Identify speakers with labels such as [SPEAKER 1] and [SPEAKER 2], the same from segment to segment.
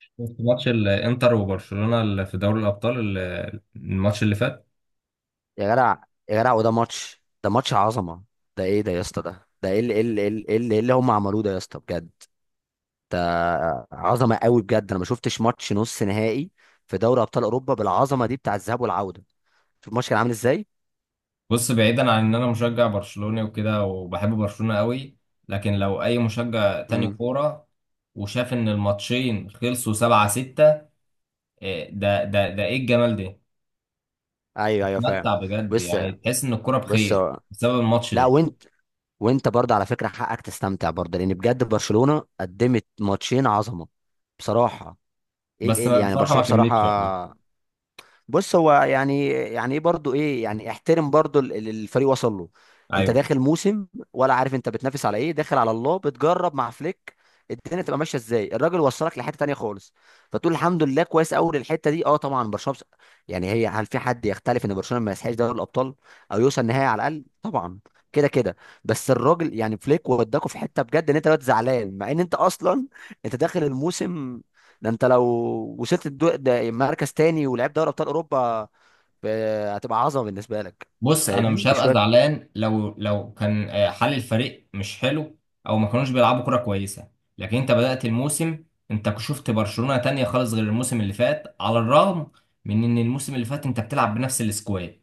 [SPEAKER 1] شفت ماتش الانتر وبرشلونة اللي في دوري الابطال الماتش اللي فات.
[SPEAKER 2] يا جدع، يا جدع. وده ماتش ده ماتش عظمه. ده ايه ده يا اسطى؟ ده ده ايه اللي ايه اللي ايه اللي إيه اللي إيه اللي هم عملوه ده يا اسطى بجد. ده عظمه قوي بجد، انا ما شفتش ماتش نص نهائي في دوري ابطال اوروبا بالعظمه دي بتاع الذهاب والعوده. شوف الماتش كان عامل ازاي.
[SPEAKER 1] بص، بعيدا عن ان انا مشجع برشلوني وكده وبحب برشلونة قوي، لكن لو اي مشجع تاني
[SPEAKER 2] امم.
[SPEAKER 1] كورة وشاف ان الماتشين خلصوا 7-6، ده ايه الجمال ده؟
[SPEAKER 2] ايوه، ايوه، فاهم.
[SPEAKER 1] متمتع بجد،
[SPEAKER 2] بس،
[SPEAKER 1] يعني تحس ان الكورة
[SPEAKER 2] بس،
[SPEAKER 1] بخير بسبب الماتش
[SPEAKER 2] لا.
[SPEAKER 1] ده.
[SPEAKER 2] وانت برضه على فكره حقك تستمتع برضه، لان بجد برشلونه قدمت ماتشين عظمه بصراحه.
[SPEAKER 1] بس أنا
[SPEAKER 2] يعني
[SPEAKER 1] الفرحة ما
[SPEAKER 2] برشلونه
[SPEAKER 1] كملتش يعني.
[SPEAKER 2] بصراحه. بص، هو يعني ايه برضو؟ ايه؟ يعني احترم برضو اللي الفريق وصل له. انت
[SPEAKER 1] ايوه.
[SPEAKER 2] داخل موسم، ولا عارف انت بتنافس على ايه؟ داخل على الله بتجرب مع فليك، الدنيا تبقى ماشيه ازاي. الراجل وصلك لحته تانية خالص، فتقول الحمد لله كويس قوي للحته دي. اه طبعا برشلونه يعني هل في حد يختلف ان برشلونه ما يسحقش دوري الابطال، او يوصل نهائي على الاقل؟ طبعا، كده كده. بس الراجل يعني فليك وداكوا في حته بجد، ان انت دلوقتي زعلان مع ان انت اصلا انت داخل الموسم ده. انت لو وصلت ده مركز تاني ولعبت دوري ابطال اوروبا، ف- هتبقى عظمه بالنسبه لك.
[SPEAKER 1] بص، انا
[SPEAKER 2] فاهمني
[SPEAKER 1] مش هبقى
[SPEAKER 2] بشويه.
[SPEAKER 1] زعلان لو كان حال الفريق مش حلو، او ما كانوش بيلعبوا كرة كويسة. لكن انت بدأت الموسم، انت شفت برشلونة تانية خالص غير الموسم اللي فات، على الرغم من ان الموسم اللي فات انت بتلعب بنفس السكواد.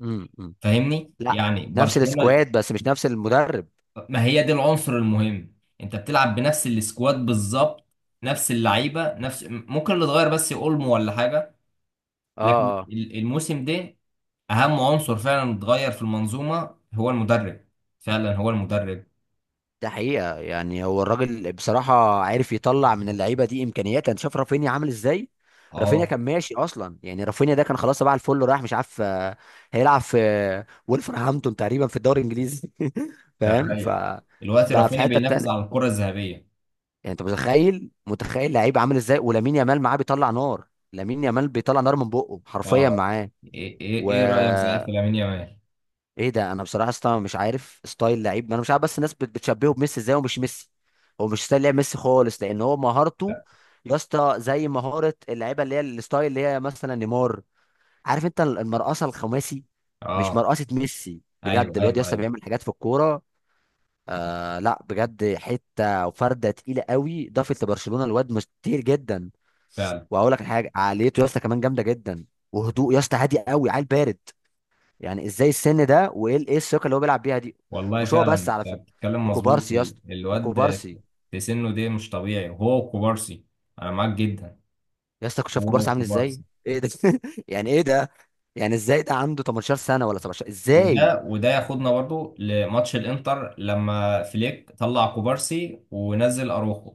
[SPEAKER 2] أمم.
[SPEAKER 1] فاهمني؟
[SPEAKER 2] لا،
[SPEAKER 1] يعني
[SPEAKER 2] نفس
[SPEAKER 1] برشلونة.
[SPEAKER 2] السكواد بس مش نفس المدرب.
[SPEAKER 1] ما هي دي العنصر المهم، انت بتلعب بنفس السكواد بالظبط، نفس اللعيبة، نفس ممكن اللي اتغير بس اولمو ولا حاجة. لكن
[SPEAKER 2] اه، اه.
[SPEAKER 1] الموسم ده، اهم عنصر فعلا اتغير في المنظومه هو المدرب، فعلا هو المدرب.
[SPEAKER 2] ده حقيقه، يعني هو الراجل بصراحه عارف يطلع من اللعيبه دي امكانيات. انت شايف رافينيا عامل ازاي؟ رافينيا
[SPEAKER 1] اه.
[SPEAKER 2] كان ماشي اصلا، يعني رافينيا ده كان خلاص تبع الفل رايح مش عارف هيلعب في ولفرهامبتون تقريبا في الدوري الانجليزي. فاهم؟
[SPEAKER 1] تخيل دلوقتي
[SPEAKER 2] بقى في
[SPEAKER 1] رافينيا
[SPEAKER 2] حته
[SPEAKER 1] بينافس على
[SPEAKER 2] تانية.
[SPEAKER 1] الكره الذهبيه.
[SPEAKER 2] يعني انت متخيل؟ متخيل لعيب عامل ازاي؟ ولامين يامال معاه بيطلع نار. لامين يامال بيطلع نار من بقه حرفيا
[SPEAKER 1] اه.
[SPEAKER 2] معاه.
[SPEAKER 1] ايه
[SPEAKER 2] و
[SPEAKER 1] إيه رايك صحيح في لامين يامال؟
[SPEAKER 2] ايه ده؟ انا بصراحه اصلا مش عارف ستايل لعيب، انا مش عارف بس الناس بتشبهه بميسي ازاي ومش ميسي؟ هو مش ستايل لعب ميسي خالص، لان هو مهارته يا اسطى زي مهاره اللعيبه اللي هي الستايل اللي هي مثلا نيمار. عارف انت المرقصه الخماسي؟ مش
[SPEAKER 1] اه،
[SPEAKER 2] مرقصه ميسي. بجد
[SPEAKER 1] ايوه
[SPEAKER 2] الواد يا
[SPEAKER 1] ايوه
[SPEAKER 2] اسطى
[SPEAKER 1] ايوه.
[SPEAKER 2] بيعمل حاجات في الكوره. آه لا بجد، حته وفرده تقيله قوي ضافت لبرشلونه الواد، مش كتير جدا.
[SPEAKER 1] فعلا،
[SPEAKER 2] واقول لك حاجه، عقليته يا اسطى كمان جامده جدا، وهدوء يا اسطى، هادي قوي، عيل بارد. يعني ازاي السن ده، وايه ايه الثقه اللي هو بيلعب بيها دي؟
[SPEAKER 1] والله
[SPEAKER 2] مش هو
[SPEAKER 1] فعلا
[SPEAKER 2] بس على فكره،
[SPEAKER 1] انت بتتكلم مظبوط،
[SPEAKER 2] وكوبارسي يا اسطى،
[SPEAKER 1] الواد
[SPEAKER 2] وكوبارسي.
[SPEAKER 1] في سنه ده مش طبيعي، وهو وكوبارسي. انا معاك جدا.
[SPEAKER 2] يا اسطى كنت شايف
[SPEAKER 1] هو
[SPEAKER 2] كوبارسي عامل ازاي؟
[SPEAKER 1] وكوبارسي.
[SPEAKER 2] ايه ده؟ يعني ايه ده؟ يعني ازاي ده عنده 18 سنه ولا 17؟ ازاي؟
[SPEAKER 1] وده ياخدنا برضو لماتش الانتر لما فليك طلع كوبارسي ونزل اروخو.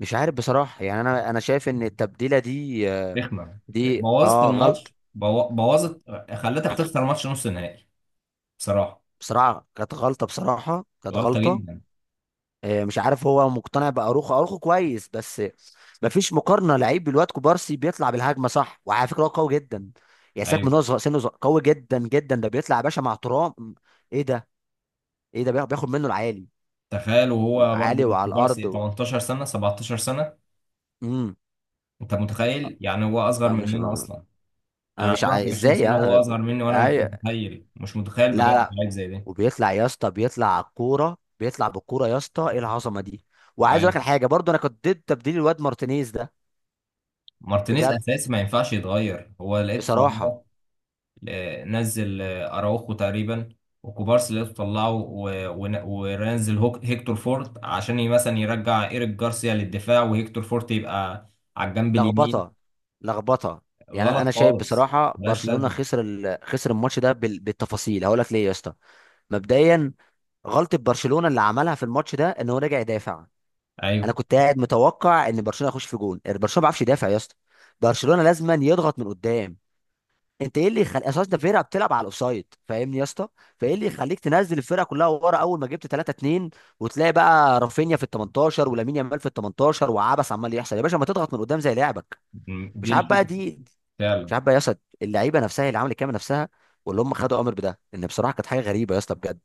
[SPEAKER 2] مش عارف بصراحه، يعني انا شايف ان التبديله دي
[SPEAKER 1] رخمه.
[SPEAKER 2] دي
[SPEAKER 1] بوظت
[SPEAKER 2] اه غلط.
[SPEAKER 1] الماتش، بوظت، خلتك تخسر ماتش نص النهائي، بصراحه.
[SPEAKER 2] بصراحة كانت غلطة، بصراحة كانت
[SPEAKER 1] غلطه
[SPEAKER 2] غلطة.
[SPEAKER 1] جدا.
[SPEAKER 2] مش عارف، هو مقتنع بأروخو. أروخو كويس بس مفيش مقارنة لعيب بالواد كوبارسي. بيطلع بالهجمة صح، وعلى فكرة هو قوي جدا، يعني ساك.
[SPEAKER 1] ايوه.
[SPEAKER 2] سنه صغير، قوي جدا جدا. ده بيطلع يا باشا مع ترام، ايه ده؟ ايه ده؟ بياخد منه العالي
[SPEAKER 1] تخيل، وهو برضه
[SPEAKER 2] والعالي وعلى
[SPEAKER 1] كبار
[SPEAKER 2] الأرض
[SPEAKER 1] سي 18 سنه، 17 سنه.
[SPEAKER 2] امم.
[SPEAKER 1] انت متخيل يعني؟ هو اصغر
[SPEAKER 2] انا مش
[SPEAKER 1] مننا اصلا،
[SPEAKER 2] انا
[SPEAKER 1] انا
[SPEAKER 2] مش
[SPEAKER 1] عندي
[SPEAKER 2] عاي-
[SPEAKER 1] 21
[SPEAKER 2] ازاي
[SPEAKER 1] سنه وهو
[SPEAKER 2] انا
[SPEAKER 1] اصغر مني، وانا مش
[SPEAKER 2] أي...
[SPEAKER 1] متخيل، مش متخيل
[SPEAKER 2] لا،
[SPEAKER 1] بجد
[SPEAKER 2] لا.
[SPEAKER 1] حاجه زي دي.
[SPEAKER 2] وبيطلع يا اسطى، بيطلع على الكورة، بيطلع بالكورة يا اسطى، ايه العظمة دي؟ وعايز اقول لك
[SPEAKER 1] ايوه.
[SPEAKER 2] الحاجة برضو، انا كنت ضد تبديل الواد مارتينيز ده.
[SPEAKER 1] مارتينيز
[SPEAKER 2] بجد،
[SPEAKER 1] اساسي، ما ينفعش يتغير، هو لقيته
[SPEAKER 2] بصراحة.
[SPEAKER 1] طلعه، نزل اراوخو تقريبا. وكوبارسي لقيته طلعه، ونزل هيكتور فورت عشان مثلا يرجع ايريك جارسيا للدفاع، وهيكتور فورت يبقى على الجنب اليمين.
[SPEAKER 2] لخبطة، لخبطة. يعني
[SPEAKER 1] غلط
[SPEAKER 2] انا شايف
[SPEAKER 1] خالص.
[SPEAKER 2] بصراحة
[SPEAKER 1] ملهاش
[SPEAKER 2] برشلونة
[SPEAKER 1] لازمه.
[SPEAKER 2] خسر خسر الماتش ده بالتفاصيل، هقول لك ليه يا اسطى. مبدئيا، غلطة برشلونة اللي عملها في الماتش ده ان هو رجع يدافع.
[SPEAKER 1] ايوه،
[SPEAKER 2] انا كنت قاعد متوقع ان برشلونة يخش في جون، يعني برشلونة ما بيعرفش يدافع يا اسطى. برشلونة لازما يضغط من قدام، انت ايه اللي يخلي اساس ده؟ فرقه بتلعب على الاوفسايد فاهمني يا اسطى، فايه اللي يخليك تنزل الفرقه كلها ورا اول ما جبت 3-2؟ وتلاقي بقى رافينيا في ال 18 ولامين يامال في ال 18 وعبس عمال يحصل يا باشا، ما تضغط من قدام زي لعبك. مش
[SPEAKER 1] دي
[SPEAKER 2] عارف بقى
[SPEAKER 1] الفكره.
[SPEAKER 2] دي، مش
[SPEAKER 1] فعلا.
[SPEAKER 2] عارف بقى يا اسطى. اللعيبه نفسها هي اللي عملت كده، نفسها. واللي هم خدوا امر بده، ان بصراحه كانت حاجه غريبه يا اسطى بجد.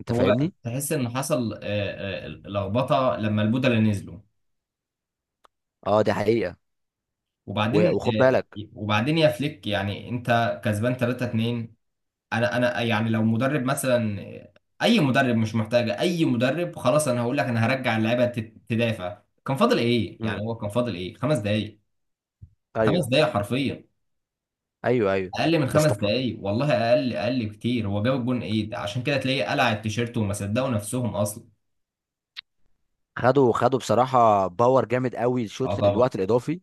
[SPEAKER 2] انت
[SPEAKER 1] هو
[SPEAKER 2] فاهمني.
[SPEAKER 1] تحس ان حصل، لخبطه لما البودلة نزلوا.
[SPEAKER 2] اه دي حقيقه.
[SPEAKER 1] وبعدين
[SPEAKER 2] وخد
[SPEAKER 1] آه،
[SPEAKER 2] بالك.
[SPEAKER 1] وبعدين يا فليك، يعني انت كسبان 3-2، انا يعني لو مدرب مثلا، اي مدرب مش محتاجه اي مدرب، خلاص انا هقول لك، انا هرجع اللعيبه تدافع. كان فاضل ايه؟ يعني
[SPEAKER 2] امم.
[SPEAKER 1] هو كان فاضل ايه؟ 5 دقايق، خمس
[SPEAKER 2] ايوه،
[SPEAKER 1] دقايق حرفيا.
[SPEAKER 2] ايوه، ايوه.
[SPEAKER 1] اقل من
[SPEAKER 2] بس
[SPEAKER 1] خمس
[SPEAKER 2] تف-
[SPEAKER 1] دقايق والله اقل، اقل كتير. هو جاب الجون، ايه ده؟ عشان كده تلاقيه قلع التيشيرت وما صدقوا نفسهم اصلا.
[SPEAKER 2] خدوا، خدوا بصراحه باور جامد قوي
[SPEAKER 1] اه
[SPEAKER 2] الشوط
[SPEAKER 1] طبعا.
[SPEAKER 2] الوقت الاضافي.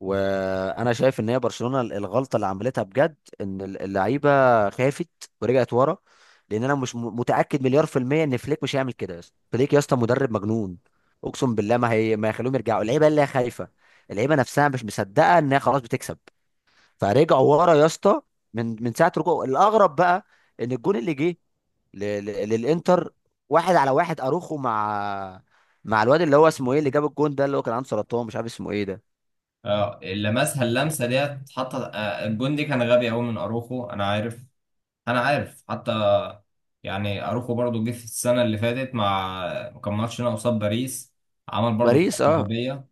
[SPEAKER 2] وانا شايف ان هي برشلونه الغلطه اللي عملتها بجد، ان اللعيبه خافت ورجعت ورا. لان انا مش متاكد مليار في الميه ان فليك مش هيعمل كده يا اسطى. فليك يا اسطى مدرب مجنون، اقسم بالله ما هي ما يخلوهم يرجعوا. اللعيبه اللي هي خايفه، اللعيبه نفسها مش مصدقه ان هي خلاص بتكسب، فرجعوا ورا يا اسطى. من ساعه رجوع. الاغرب بقى ان الجون اللي جه للانتر، واحد على واحد اروخو مع مع الواد اللي هو اسمه ايه اللي جاب الجون ده، اللي هو كان عنده سرطان، مش عارف اسمه ايه ده.
[SPEAKER 1] اه، لمسها اللمسه ديت، اتحط الجون دي كان غبي قوي من اروخو، انا عارف، انا عارف حتى. يعني اروخو برضو جه في السنه اللي فاتت مع، كان ماتش هنا قصاد باريس، عمل برضو
[SPEAKER 2] باريس،
[SPEAKER 1] حركه
[SPEAKER 2] اه.
[SPEAKER 1] غبيه.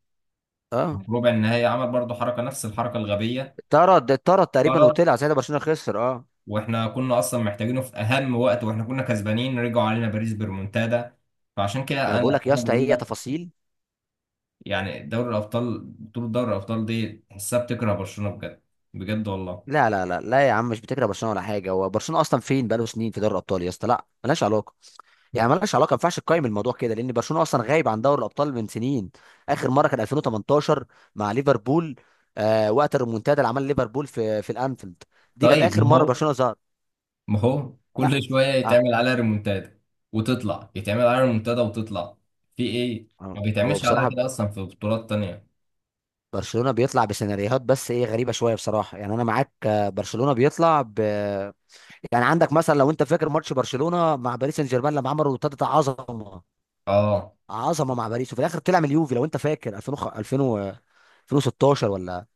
[SPEAKER 1] في
[SPEAKER 2] اه،
[SPEAKER 1] ربع النهائي عمل برضو حركه، نفس الحركه الغبيه.
[SPEAKER 2] طرد. اتطرد تقريبا
[SPEAKER 1] طرد.
[SPEAKER 2] وطلع ساعتها، برشلونه خسر. اه
[SPEAKER 1] واحنا كنا اصلا محتاجينه في اهم وقت، واحنا كنا كسبانين رجعوا علينا باريس بريمونتادا. فعشان
[SPEAKER 2] ما
[SPEAKER 1] كده
[SPEAKER 2] انا
[SPEAKER 1] انا
[SPEAKER 2] بقول لك يا
[SPEAKER 1] انا
[SPEAKER 2] اسطى
[SPEAKER 1] بقول
[SPEAKER 2] هي
[SPEAKER 1] لك،
[SPEAKER 2] تفاصيل.
[SPEAKER 1] يعني دوري الابطال، بطوله دوري الابطال دي تحسها بتكره برشلونه بجد. بجد والله.
[SPEAKER 2] لا، لا، لا، لا يا عم، مش بتكره برشلونه ولا حاجه، هو برشلونه اصلا فين؟ بقاله سنين في دوري الابطال يا اسطى، لا ملهاش علاقه. يعني ملهاش علاقه، ما ينفعش تقيم الموضوع كده لان برشلونه اصلا غايب عن دوري الابطال من سنين. اخر مره كان 2018 مع ليفربول، آه، وقت الريمونتادا اللي عملها ليفربول في الانفيلد. دي كانت
[SPEAKER 1] طيب، ما
[SPEAKER 2] اخر مره
[SPEAKER 1] هو
[SPEAKER 2] برشلونه ظهر.
[SPEAKER 1] ما هو كل
[SPEAKER 2] لا.
[SPEAKER 1] شوية
[SPEAKER 2] آه.
[SPEAKER 1] يتعمل عليها ريمونتادا وتطلع، يتعمل عليها ريمونتادا وتطلع. في ايه؟ ما
[SPEAKER 2] آه. هو
[SPEAKER 1] بيتعملش عليها
[SPEAKER 2] بصراحه
[SPEAKER 1] كده اصلا في بطولات تانية.
[SPEAKER 2] برشلونه بيطلع بسيناريوهات بس ايه غريبه شويه بصراحه، يعني انا معاك. برشلونه بيطلع يعني عندك مثلا لو انت فاكر ماتش برشلونه مع باريس سان جيرمان، لما عملوا ابتدت عظمه.
[SPEAKER 1] اه،
[SPEAKER 2] عظمه مع باريس وفي الاخر طلع من اليوفي. لو انت فاكر، 2016 ولا؟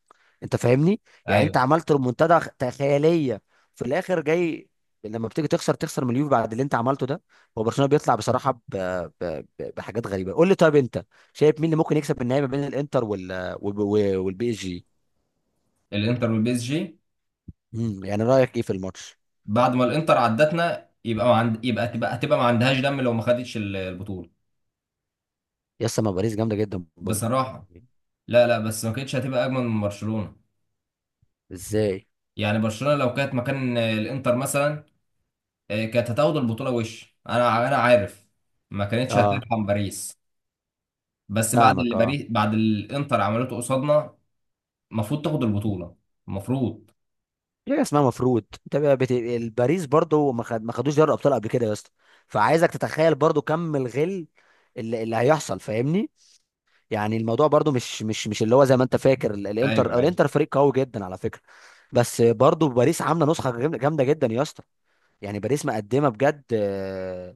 [SPEAKER 2] انت فاهمني. يعني انت
[SPEAKER 1] ايوه.
[SPEAKER 2] عملت ريمونتادا خياليه، في الاخر جاي لما بتيجي تخسر تخسر من اليوفي بعد اللي انت عملته ده؟ هو برشلونه بيطلع بصراحه بحاجات غريبه. قول لي طيب، انت شايف مين اللي ممكن يكسب النهائي ما بين الانتر والبي اس جي؟
[SPEAKER 1] الانتر والبي اس جي.
[SPEAKER 2] مم، يعني رايك ايه في الماتش؟
[SPEAKER 1] بعد ما الانتر عدتنا، يبقى ما عند... يبقى هتبقى ما عندهاش دم لو ما خدتش البطولة.
[SPEAKER 2] يا ما باريس جامده جدا برضه.
[SPEAKER 1] بصراحة. لا لا، بس ما كانتش هتبقى اجمل من برشلونة.
[SPEAKER 2] ازاي؟
[SPEAKER 1] يعني برشلونة لو كانت مكان الانتر مثلا، كانت هتاخد البطولة، وش انا عارف ما كانتش
[SPEAKER 2] اه،
[SPEAKER 1] هترحم باريس. بس
[SPEAKER 2] فاهمك. اه،
[SPEAKER 1] بعد اللي الانتر عملته قصادنا، المفروض تاخد البطولة، المفروض.
[SPEAKER 2] في حاجه اسمها مفروض؟ انت بقى الباريس برضو ما خدوش دوري الابطال قبل كده يا اسطى، فعايزك تتخيل برضو كم الغل اللي، اللي هيحصل. فاهمني؟ يعني الموضوع برضو مش اللي هو زي ما انت فاكر.
[SPEAKER 1] ايوه
[SPEAKER 2] الانتر، او
[SPEAKER 1] ايوه.
[SPEAKER 2] الانتر فريق قوي جدا على فكره، بس برضو باريس عامله نسخه جامده، جامدة جدا يا اسطى. يعني باريس مقدمه بجد،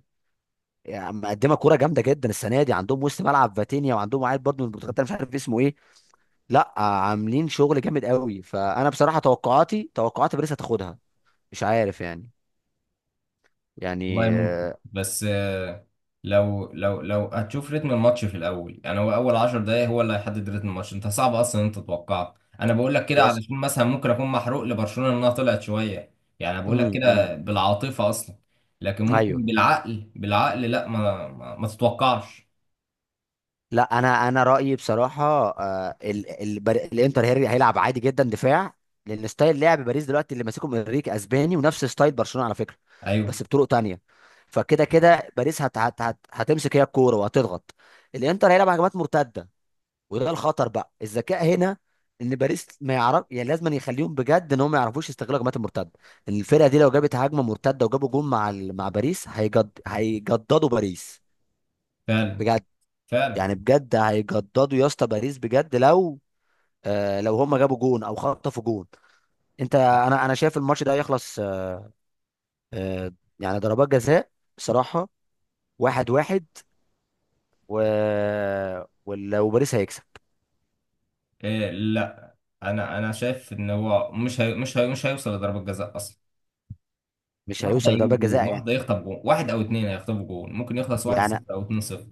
[SPEAKER 2] يعني مقدمه كوره جامده جدا السنه دي. عندهم وسط ملعب فاتينيا، وعندهم واحد برضو من البرتغال ده مش عارف اسمه ايه. لا، عاملين شغل جامد قوي، فانا بصراحه توقعاتي توقعات باريس هتاخدها. مش عارف يعني،
[SPEAKER 1] والله
[SPEAKER 2] يعني
[SPEAKER 1] ممكن، بس لو هتشوف رتم الماتش في الاول، يعني هو اول 10 دقايق هو اللي هيحدد رتم الماتش، انت صعب اصلا إن انت تتوقع. انا بقول لك كده
[SPEAKER 2] يس.
[SPEAKER 1] علشان مثلا ممكن اكون محروق لبرشلونة انها طلعت شوية، يعني أنا بقول لك
[SPEAKER 2] أمم.
[SPEAKER 1] كده بالعاطفة اصلا. لكن ممكن
[SPEAKER 2] ايوه.
[SPEAKER 1] بالعقل، بالعقل لا، ما تتوقعش.
[SPEAKER 2] لا، انا رايي بصراحه الانتر هيلعب عادي جدا دفاع، لان ستايل لعب باريس دلوقتي اللي ماسكهم انريكي اسباني ونفس ستايل برشلونه على فكره،
[SPEAKER 1] ايوه.
[SPEAKER 2] بس بطرق تانية. فكده كده باريس هتمسك هي الكوره وهتضغط، الانتر هيلعب هجمات مرتده، وده الخطر بقى. الذكاء هنا ان باريس ما يعرف، يعني لازم يخليهم بجد ان هم ما يعرفوش يستغلوا هجمات المرتده. الفرقه دي لو جابت هجمه مرتده وجابوا جون مع مع باريس، هيجددوا باريس
[SPEAKER 1] فعلا
[SPEAKER 2] بجد.
[SPEAKER 1] فعلا
[SPEAKER 2] يعني بجد هيجددوا يا اسطى باريس بجد، لو آه لو هم جابوا جون او خطفوا جون، انت
[SPEAKER 1] آه،
[SPEAKER 2] انا شايف الماتش ده يخلص آه، آه، يعني ضربات جزاء بصراحه، واحد واحد، و... ولو باريس هيكسب.
[SPEAKER 1] إيه، لا، انا شايف ان هو مش هيوصل لضربة جزاء اصلا.
[SPEAKER 2] مش
[SPEAKER 1] واحد
[SPEAKER 2] هيوصل
[SPEAKER 1] هيجيب
[SPEAKER 2] لضربات
[SPEAKER 1] جون،
[SPEAKER 2] جزاء يعني
[SPEAKER 1] واحد هيخطف جون، واحد او اتنين هيخطفوا جون، ممكن يخلص واحد
[SPEAKER 2] يعني؟
[SPEAKER 1] صفر او 2-0.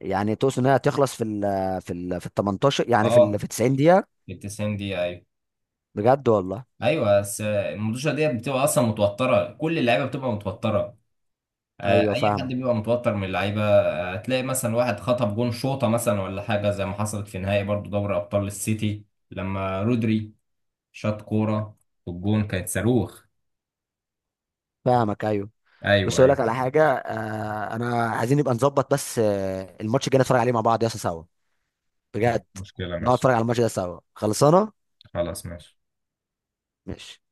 [SPEAKER 2] يعني تقصد انها تخلص في ال 18؟ يعني في ال
[SPEAKER 1] اه،
[SPEAKER 2] في 90 دقيقة؟
[SPEAKER 1] في ال 90 دقيقة، ايوه.
[SPEAKER 2] بجد والله،
[SPEAKER 1] ايوه، بس المدوشة ديت بتبقى اصلا متوترة، كل اللعيبة بتبقى متوترة،
[SPEAKER 2] ايوه،
[SPEAKER 1] اي حد
[SPEAKER 2] فاهمك.
[SPEAKER 1] بيبقى متوتر من اللعيبة. هتلاقي مثلا واحد خطف جون شوطة مثلا، ولا حاجة زي ما حصلت في نهائي برضو دوري ابطال السيتي، لما رودري شاط كورة والجون كانت صاروخ.
[SPEAKER 2] فاهمك، ايوه. بس
[SPEAKER 1] ايوه
[SPEAKER 2] اقول لك
[SPEAKER 1] ايوه.
[SPEAKER 2] على حاجة آه، انا عايزين نبقى نظبط بس آه الماتش الجاي نتفرج عليه مع بعض يا اسطى سوا، بجد.
[SPEAKER 1] مشكلة
[SPEAKER 2] نقعد
[SPEAKER 1] ماشي.
[SPEAKER 2] نتفرج على الماتش ده سوا، خلصانة؟
[SPEAKER 1] خلاص ماشي.
[SPEAKER 2] ماشي.